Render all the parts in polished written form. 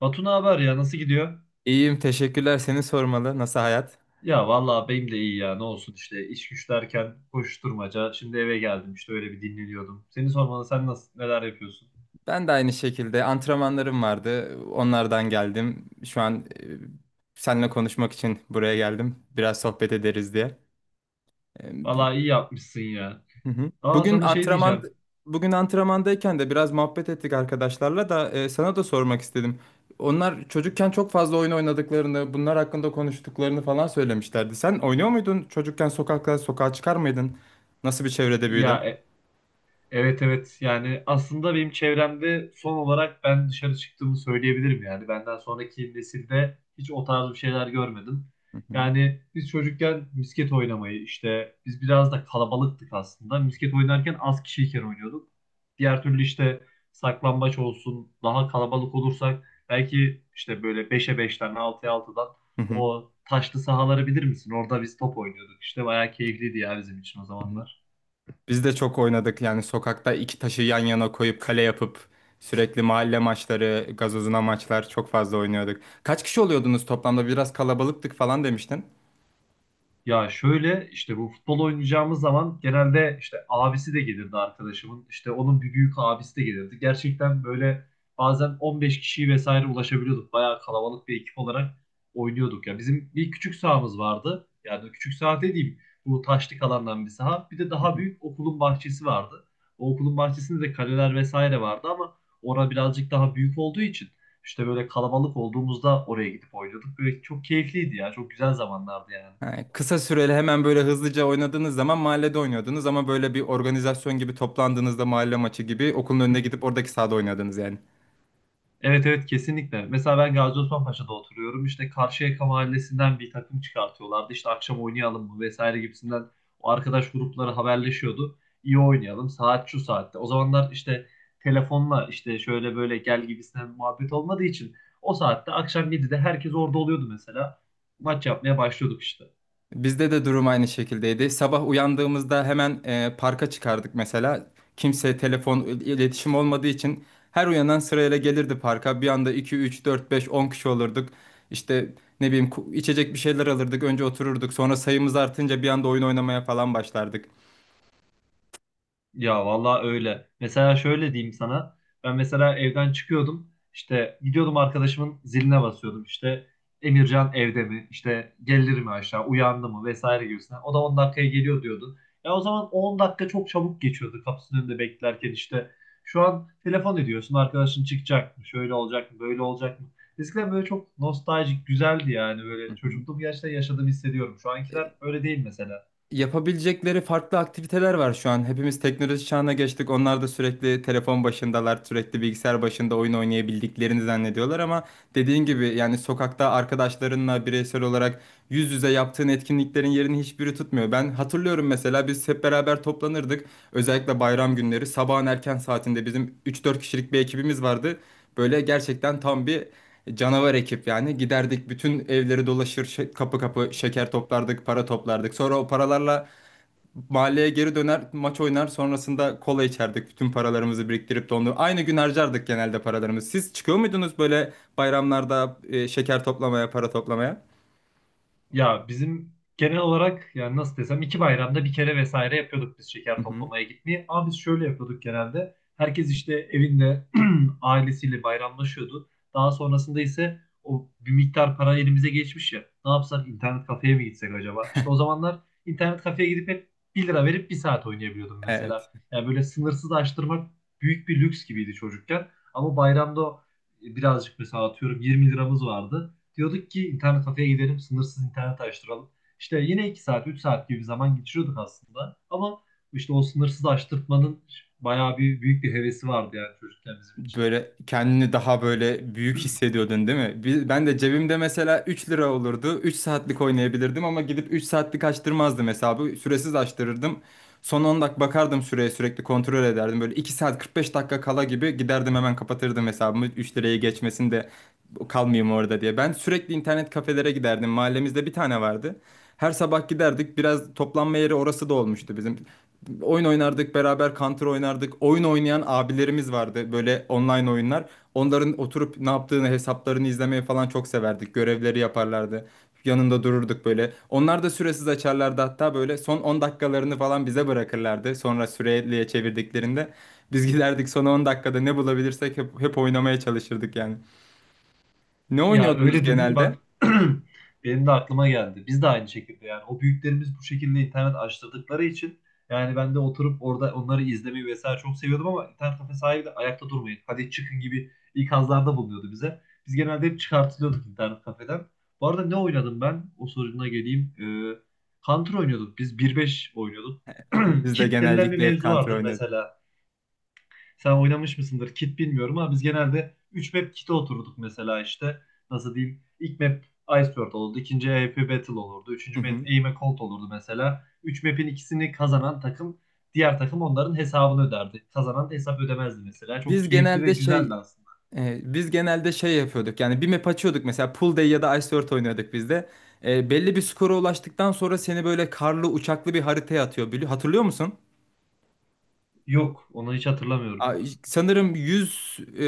Batu, ne haber ya, nasıl gidiyor? İyiyim, teşekkürler. Seni sormalı. Nasıl hayat? Ya vallahi benim de iyi ya, ne olsun işte, iş güç derken koşturmaca. Şimdi eve geldim, işte öyle bir dinleniyordum. Seni sormalı, sen nasıl, neler yapıyorsun? Ben de aynı şekilde antrenmanlarım vardı. Onlardan geldim. Şu an seninle konuşmak için buraya geldim. Biraz sohbet ederiz diye. E, bi- Vallahi iyi yapmışsın ya. hı hı. Aa, Bugün sana şey antrenman diyeceğim. bugün antrenmandayken de biraz muhabbet ettik arkadaşlarla da sana da sormak istedim. Onlar çocukken çok fazla oyun oynadıklarını, bunlar hakkında konuştuklarını falan söylemişlerdi. Sen oynuyor muydun? Çocukken sokakta sokağa çıkar mıydın? Nasıl bir çevrede büyüdün? Ya e, Evet evet, yani aslında benim çevremde son olarak ben dışarı çıktığımı söyleyebilirim, yani benden sonraki nesilde hiç o tarz bir şeyler görmedim. Hı hı. Yani biz çocukken misket oynamayı, işte biz biraz da kalabalıktık aslında. Misket oynarken az kişiyken oynuyorduk. Diğer türlü işte, saklambaç olsun, daha kalabalık olursak belki işte böyle beşe 5'ten altıya altıdan, Hı o taşlı sahaları bilir misin? Orada biz top oynuyorduk işte, bayağı keyifliydi ya bizim için o hı. zamanlar. Biz de çok oynadık yani sokakta iki taşı yan yana koyup kale yapıp sürekli mahalle maçları, gazozuna maçlar çok fazla oynuyorduk. Kaç kişi oluyordunuz toplamda? Biraz kalabalıktık falan demiştin. Ya şöyle işte, bu futbol oynayacağımız zaman genelde işte abisi de gelirdi arkadaşımın. İşte onun bir büyük abisi de gelirdi. Gerçekten böyle bazen 15 kişiyi vesaire ulaşabiliyorduk. Bayağı kalabalık bir ekip olarak oynuyorduk. Ya bizim bir küçük sahamız vardı. Yani küçük saha dediğim, bu taşlık alandan bir saha. Bir de daha Hı hı. büyük okulun bahçesi vardı. O okulun bahçesinde de kaleler vesaire vardı ama orada birazcık daha büyük olduğu için işte böyle kalabalık olduğumuzda oraya gidip oynuyorduk. Böyle çok keyifliydi ya. Çok güzel zamanlardı yani. Ha, kısa süreli hemen böyle hızlıca oynadığınız zaman mahallede oynuyordunuz ama böyle bir organizasyon gibi toplandığınızda mahalle maçı gibi okulun önüne gidip oradaki sahada oynadınız yani. Evet evet, kesinlikle. Mesela ben Gazi Osman Paşa'da oturuyorum. İşte Karşıyaka Mahallesi'nden bir takım çıkartıyorlardı. İşte akşam oynayalım mı vesaire gibisinden, o arkadaş grupları haberleşiyordu. İyi oynayalım. Saat şu saatte. O zamanlar işte telefonla işte şöyle böyle gel gibisinden muhabbet olmadığı için, o saatte akşam 7'de herkes orada oluyordu mesela. Maç yapmaya başlıyorduk işte. Bizde de durum aynı şekildeydi. Sabah uyandığımızda hemen parka çıkardık mesela. Kimse telefon iletişim olmadığı için her uyanan sırayla gelirdi parka. Bir anda 2 3 4 5 10 kişi olurduk. İşte ne bileyim içecek bir şeyler alırdık. Önce otururduk. Sonra sayımız artınca bir anda oyun oynamaya falan başlardık. Ya vallahi öyle. Mesela şöyle diyeyim sana. Ben mesela evden çıkıyordum. İşte gidiyordum arkadaşımın ziline basıyordum. İşte Emircan evde mi? İşte gelir mi aşağı? Uyandı mı? Vesaire gibisinden. O da 10 dakikaya geliyor diyordu. Ya o zaman 10 dakika çok çabuk geçiyordu kapısının önünde beklerken işte. Şu an telefon ediyorsun, arkadaşın çıkacak mı? Şöyle olacak mı? Böyle olacak mı? Eskiden böyle çok nostaljik güzeldi yani, Hı böyle hı. çocukluğum gerçekten yaşadığımı hissediyorum. Şu ankiler öyle değil mesela. Yapabilecekleri farklı aktiviteler var şu an. Hepimiz teknoloji çağına geçtik. Onlar da sürekli telefon başındalar, sürekli bilgisayar başında oyun oynayabildiklerini zannediyorlar ama dediğin gibi yani sokakta arkadaşlarınla bireysel olarak yüz yüze yaptığın etkinliklerin yerini hiçbiri tutmuyor. Ben hatırlıyorum mesela biz hep beraber toplanırdık. Özellikle bayram günleri sabahın erken saatinde bizim üç dört kişilik bir ekibimiz vardı. Böyle gerçekten tam bir canavar ekip yani. Giderdik bütün evleri dolaşır kapı kapı şeker toplardık, para toplardık. Sonra o paralarla mahalleye geri döner maç oynar sonrasında kola içerdik. Bütün paralarımızı biriktirip de onu aynı gün harcardık genelde paralarımızı. Siz çıkıyor muydunuz böyle bayramlarda şeker toplamaya, para toplamaya? Ya bizim genel olarak, yani nasıl desem, iki bayramda bir kere vesaire yapıyorduk biz şeker Hı hı. toplamaya gitmeyi. Ama biz şöyle yapıyorduk genelde. Herkes işte evinde ailesiyle bayramlaşıyordu. Daha sonrasında ise o bir miktar para elimize geçmiş ya. Ne yapsak, internet kafeye mi gitsek acaba? İşte o zamanlar internet kafeye gidip hep 1 lira verip bir saat oynayabiliyordum Evet. mesela. Yani böyle sınırsız açtırmak büyük bir lüks gibiydi çocukken. Ama bayramda birazcık, mesela atıyorum 20 liramız vardı. Diyorduk ki internet kafeye gidelim, sınırsız internet açtıralım. İşte yine 2 saat, 3 saat gibi bir zaman geçiriyorduk aslında. Ama işte o sınırsız açtırtmanın bayağı bir büyük bir hevesi vardı yani çocukken bizim için. Böyle kendini daha böyle büyük hissediyordun değil mi? Ben de cebimde mesela 3 lira olurdu. 3 saatlik oynayabilirdim ama gidip 3 saatlik açtırmazdım hesabı. Süresiz açtırırdım. Son 10 dakika bakardım süreye, sürekli kontrol ederdim. Böyle 2 saat 45 dakika kala gibi giderdim, hemen kapatırdım hesabımı. 3 lirayı geçmesin de kalmayayım orada diye. Ben sürekli internet kafelere giderdim. Mahallemizde bir tane vardı. Her sabah giderdik. Biraz toplanma yeri orası da olmuştu bizim. Oyun oynardık beraber, Counter oynardık. Oyun oynayan abilerimiz vardı, böyle online oyunlar. Onların oturup ne yaptığını, hesaplarını izlemeye falan çok severdik. Görevleri yaparlardı. Yanında dururduk böyle. Onlar da süresiz açarlardı, hatta böyle son 10 dakikalarını falan bize bırakırlardı. Sonra süreliye çevirdiklerinde biz giderdik son 10 dakikada ne bulabilirsek hep oynamaya çalışırdık yani. Ne Ya oynuyordunuz öyle dedim bak, genelde? benim de aklıma geldi. Biz de aynı şekilde, yani o büyüklerimiz bu şekilde internet açtırdıkları için yani ben de oturup orada onları izlemeyi vesaire çok seviyordum, ama internet kafe sahibi de ayakta durmayın, hadi çıkın gibi ikazlarda bulunuyordu bize. Biz genelde hep çıkartılıyorduk internet kafeden. Bu arada ne oynadım ben? O soruna geleyim. Counter oynuyorduk. Biz bir beş oynuyorduk. Biz de Kit denilen bir genellikle hep mevzu Counter vardır oynadık. mesela. Sen oynamış mısındır? Kit bilmiyorum ama biz genelde 3 map kit'e oturduk mesela işte. Nasıl diyeyim? İlk map Iceberg olurdu. İkinci AWP Battle olurdu. Hı Üçüncü map hı. Aim a Cold olurdu mesela. Üç map'in ikisini kazanan takım, diğer takım onların hesabını öderdi. Kazanan da hesap ödemezdi mesela. Çok Biz keyifli ve genelde güzeldi şey aslında. biz genelde şey yapıyorduk yani, bir map açıyorduk mesela, Pool Day ya da Ice Earth oynuyorduk biz de. Belli bir skora ulaştıktan sonra seni böyle karlı uçaklı bir haritaya atıyor. Hatırlıyor musun? Yok, onu hiç hatırlamıyorum. Ay, sanırım 100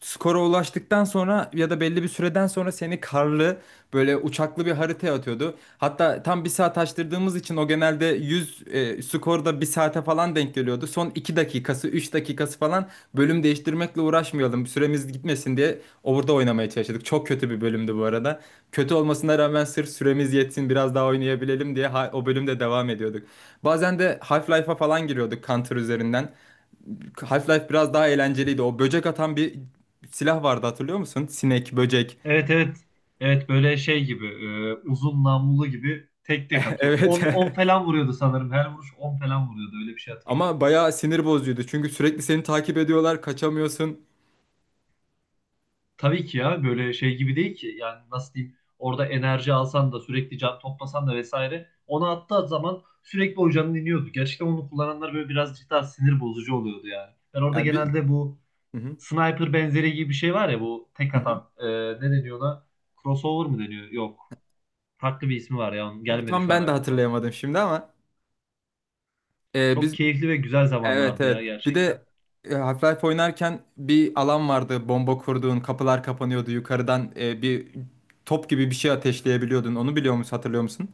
skora ulaştıktan sonra ya da belli bir süreden sonra seni karlı böyle uçaklı bir haritaya atıyordu. Hatta tam bir saat açtırdığımız için o genelde 100 skorda bir saate falan denk geliyordu. Son 2 dakikası 3 dakikası falan, bölüm değiştirmekle uğraşmayalım süremiz gitmesin diye orada oynamaya çalıştık. Çok kötü bir bölümdü bu arada. Kötü olmasına rağmen sırf süremiz yetsin, biraz daha oynayabilelim diye o bölümde devam ediyorduk. Bazen de Half-Life'a falan giriyorduk Counter üzerinden. Half-Life biraz daha eğlenceliydi. O böcek atan bir silah vardı, hatırlıyor musun? Sinek, böcek. Evet evet. Evet böyle şey gibi, uzun namlulu gibi tek tek atıyor. Evet. On 10 falan vuruyordu sanırım. Her vuruş 10 falan vuruyordu. Öyle bir şey hatırlıyorum. Ama bayağı sinir bozucuydu. Çünkü sürekli seni takip ediyorlar, kaçamıyorsun. Tabii ki ya, böyle şey gibi değil ki, yani nasıl diyeyim, orada enerji alsan da sürekli can toplasan da vesaire, onu attığı zaman sürekli o canın iniyordu. Gerçekten onu kullananlar böyle birazcık daha sinir bozucu oluyordu yani. Ben orada Yani bir genelde bu Hı hı, sniper benzeri gibi bir şey var ya, bu tek hı hı. atan, ne deniyor ona? Crossover mı deniyor? Yok. Farklı bir ismi var ya, onun gelmedi Tam şu an ben de aklıma. hatırlayamadım şimdi ama e, Çok biz keyifli ve güzel evet zamanlardı ya, evet. Bir gerçekten. de Half-Life oynarken bir alan vardı. Bomba kurduğun, kapılar kapanıyordu. Yukarıdan bir top gibi bir şey ateşleyebiliyordun. Onu biliyor musun, hatırlıyor musun?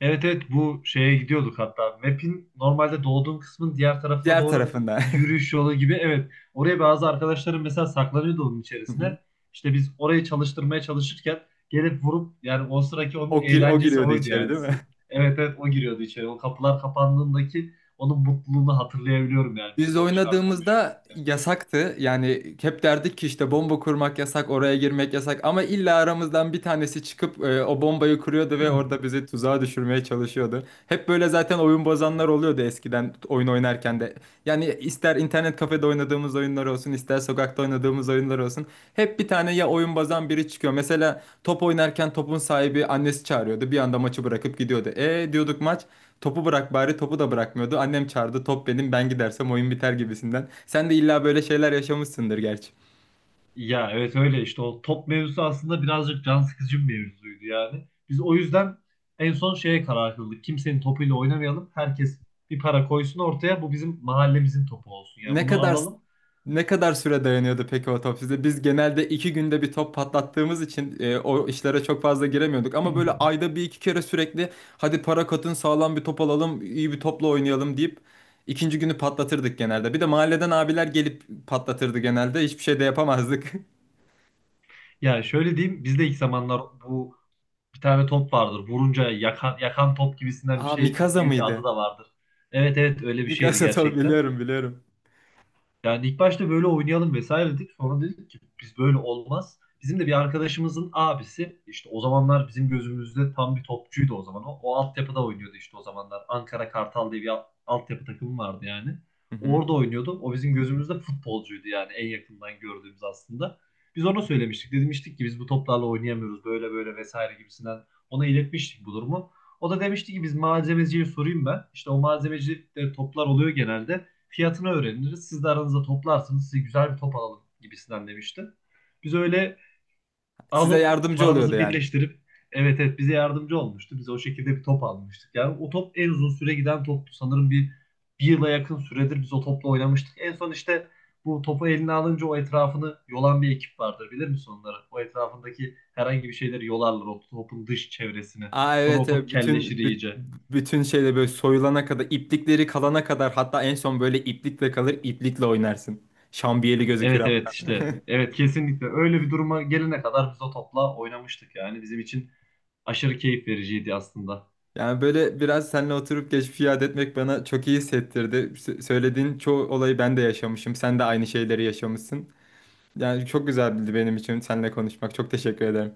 Evet evet, bu şeye gidiyorduk hatta. Map'in normalde doğduğun kısmın diğer tarafına Diğer doğru tarafından. bir yürüyüş yolu gibi. Evet, oraya bazı arkadaşlarım mesela saklanıyordu onun Hı hı. içerisine. İşte biz orayı çalıştırmaya çalışırken gelip vurup, yani o sıraki onun O eğlencesi giriyordu oydu içeri yani. değil mi? Evet evet, o giriyordu içeri. O kapılar kapandığındaki onun mutluluğunu hatırlayabiliyorum, yani Biz bizim o dışarıda ölüşümüz. oynadığımızda yasaktı. Yani hep derdik ki işte bomba kurmak yasak, oraya girmek yasak. Ama illa aramızdan bir tanesi çıkıp o bombayı kuruyordu ve orada bizi tuzağa düşürmeye çalışıyordu. Hep böyle zaten oyun bozanlar oluyordu eskiden oyun oynarken de. Yani ister internet kafede oynadığımız oyunlar olsun, ister sokakta oynadığımız oyunlar olsun, hep bir tane ya oyun bozan biri çıkıyor. Mesela top oynarken topun sahibi, annesi çağırıyordu, bir anda maçı bırakıp gidiyordu. E, diyorduk, maç, topu bırak bari, topu da bırakmıyordu. Annem çağırdı, top benim, ben gidersem oyun biter gibisinden. Sen de illa böyle şeyler yaşamışsındır gerçi. Ya evet öyle işte, o top mevzusu aslında birazcık can sıkıcı bir mevzuydu yani. Biz o yüzden en son şeye karar kıldık. Kimsenin topuyla oynamayalım. Herkes bir para koysun ortaya. Bu bizim mahallemizin topu olsun. Yani Ne bunu kadar alalım. ne kadar süre dayanıyordu peki o top? Biz genelde 2 günde bir top patlattığımız için o işlere çok fazla giremiyorduk. Ama böyle ayda bir iki kere, sürekli hadi para katın sağlam bir top alalım, iyi bir topla oynayalım deyip ikinci günü patlatırdık genelde. Bir de mahalleden abiler gelip patlatırdı genelde. Hiçbir şey de yapamazdık. Ya şöyle diyeyim. Biz de ilk zamanlar bu bir tane top vardır. Vurunca yakan, yakan top gibisinden bir Aa, şey, Mikasa gibi bir adı mıydı? da vardır. Evet evet, öyle bir şeydi Mikasa top, gerçekten. biliyorum biliyorum. Yani ilk başta böyle oynayalım vesaire dedik. Sonra dedik ki biz böyle olmaz. Bizim de bir arkadaşımızın abisi, işte o zamanlar bizim gözümüzde tam bir topçuydu o zaman. O, o altyapıda oynuyordu işte o zamanlar. Ankara Kartal diye bir altyapı takımı vardı yani. Hı O hı. orada oynuyordu. O bizim gözümüzde futbolcuydu yani, en yakından gördüğümüz aslında. Biz ona söylemiştik. Demiştik ki biz bu toplarla oynayamıyoruz, böyle böyle vesaire gibisinden. Ona iletmiştik bu durumu. O da demişti ki biz malzemeciye sorayım ben. İşte o malzemeci de toplar oluyor genelde. Fiyatını öğreniriz. Siz de aranızda toplarsınız. Size güzel bir top alalım gibisinden demişti. Biz öyle Size alıp yardımcı oluyordu paramızı yani. birleştirip, evet evet, bize yardımcı olmuştu. Biz o şekilde bir top almıştık. Yani o top en uzun süre giden toptu. Sanırım bir yıla yakın süredir biz o topla oynamıştık. En son işte bu topu eline alınca, o etrafını yolan bir ekip vardır. Bilir misin onları? O etrafındaki herhangi bir şeyleri yolarlar. O topun dış çevresini. Aa Sonra o evet, top evet kelleşir iyice. bütün şeyle böyle soyulana kadar, iplikleri kalana kadar, hatta en son böyle iplikle kalır, iplikle oynarsın. Şambiyeli gözükür. Evet evet işte, evet kesinlikle öyle bir duruma gelene kadar biz o topla oynamıştık, yani bizim için aşırı keyif vericiydi aslında. Yani böyle biraz seninle oturup geçmişi yad etmek bana çok iyi hissettirdi. Söylediğin çoğu olayı ben de yaşamışım. Sen de aynı şeyleri yaşamışsın. Yani çok güzeldi benim için seninle konuşmak. Çok teşekkür ederim.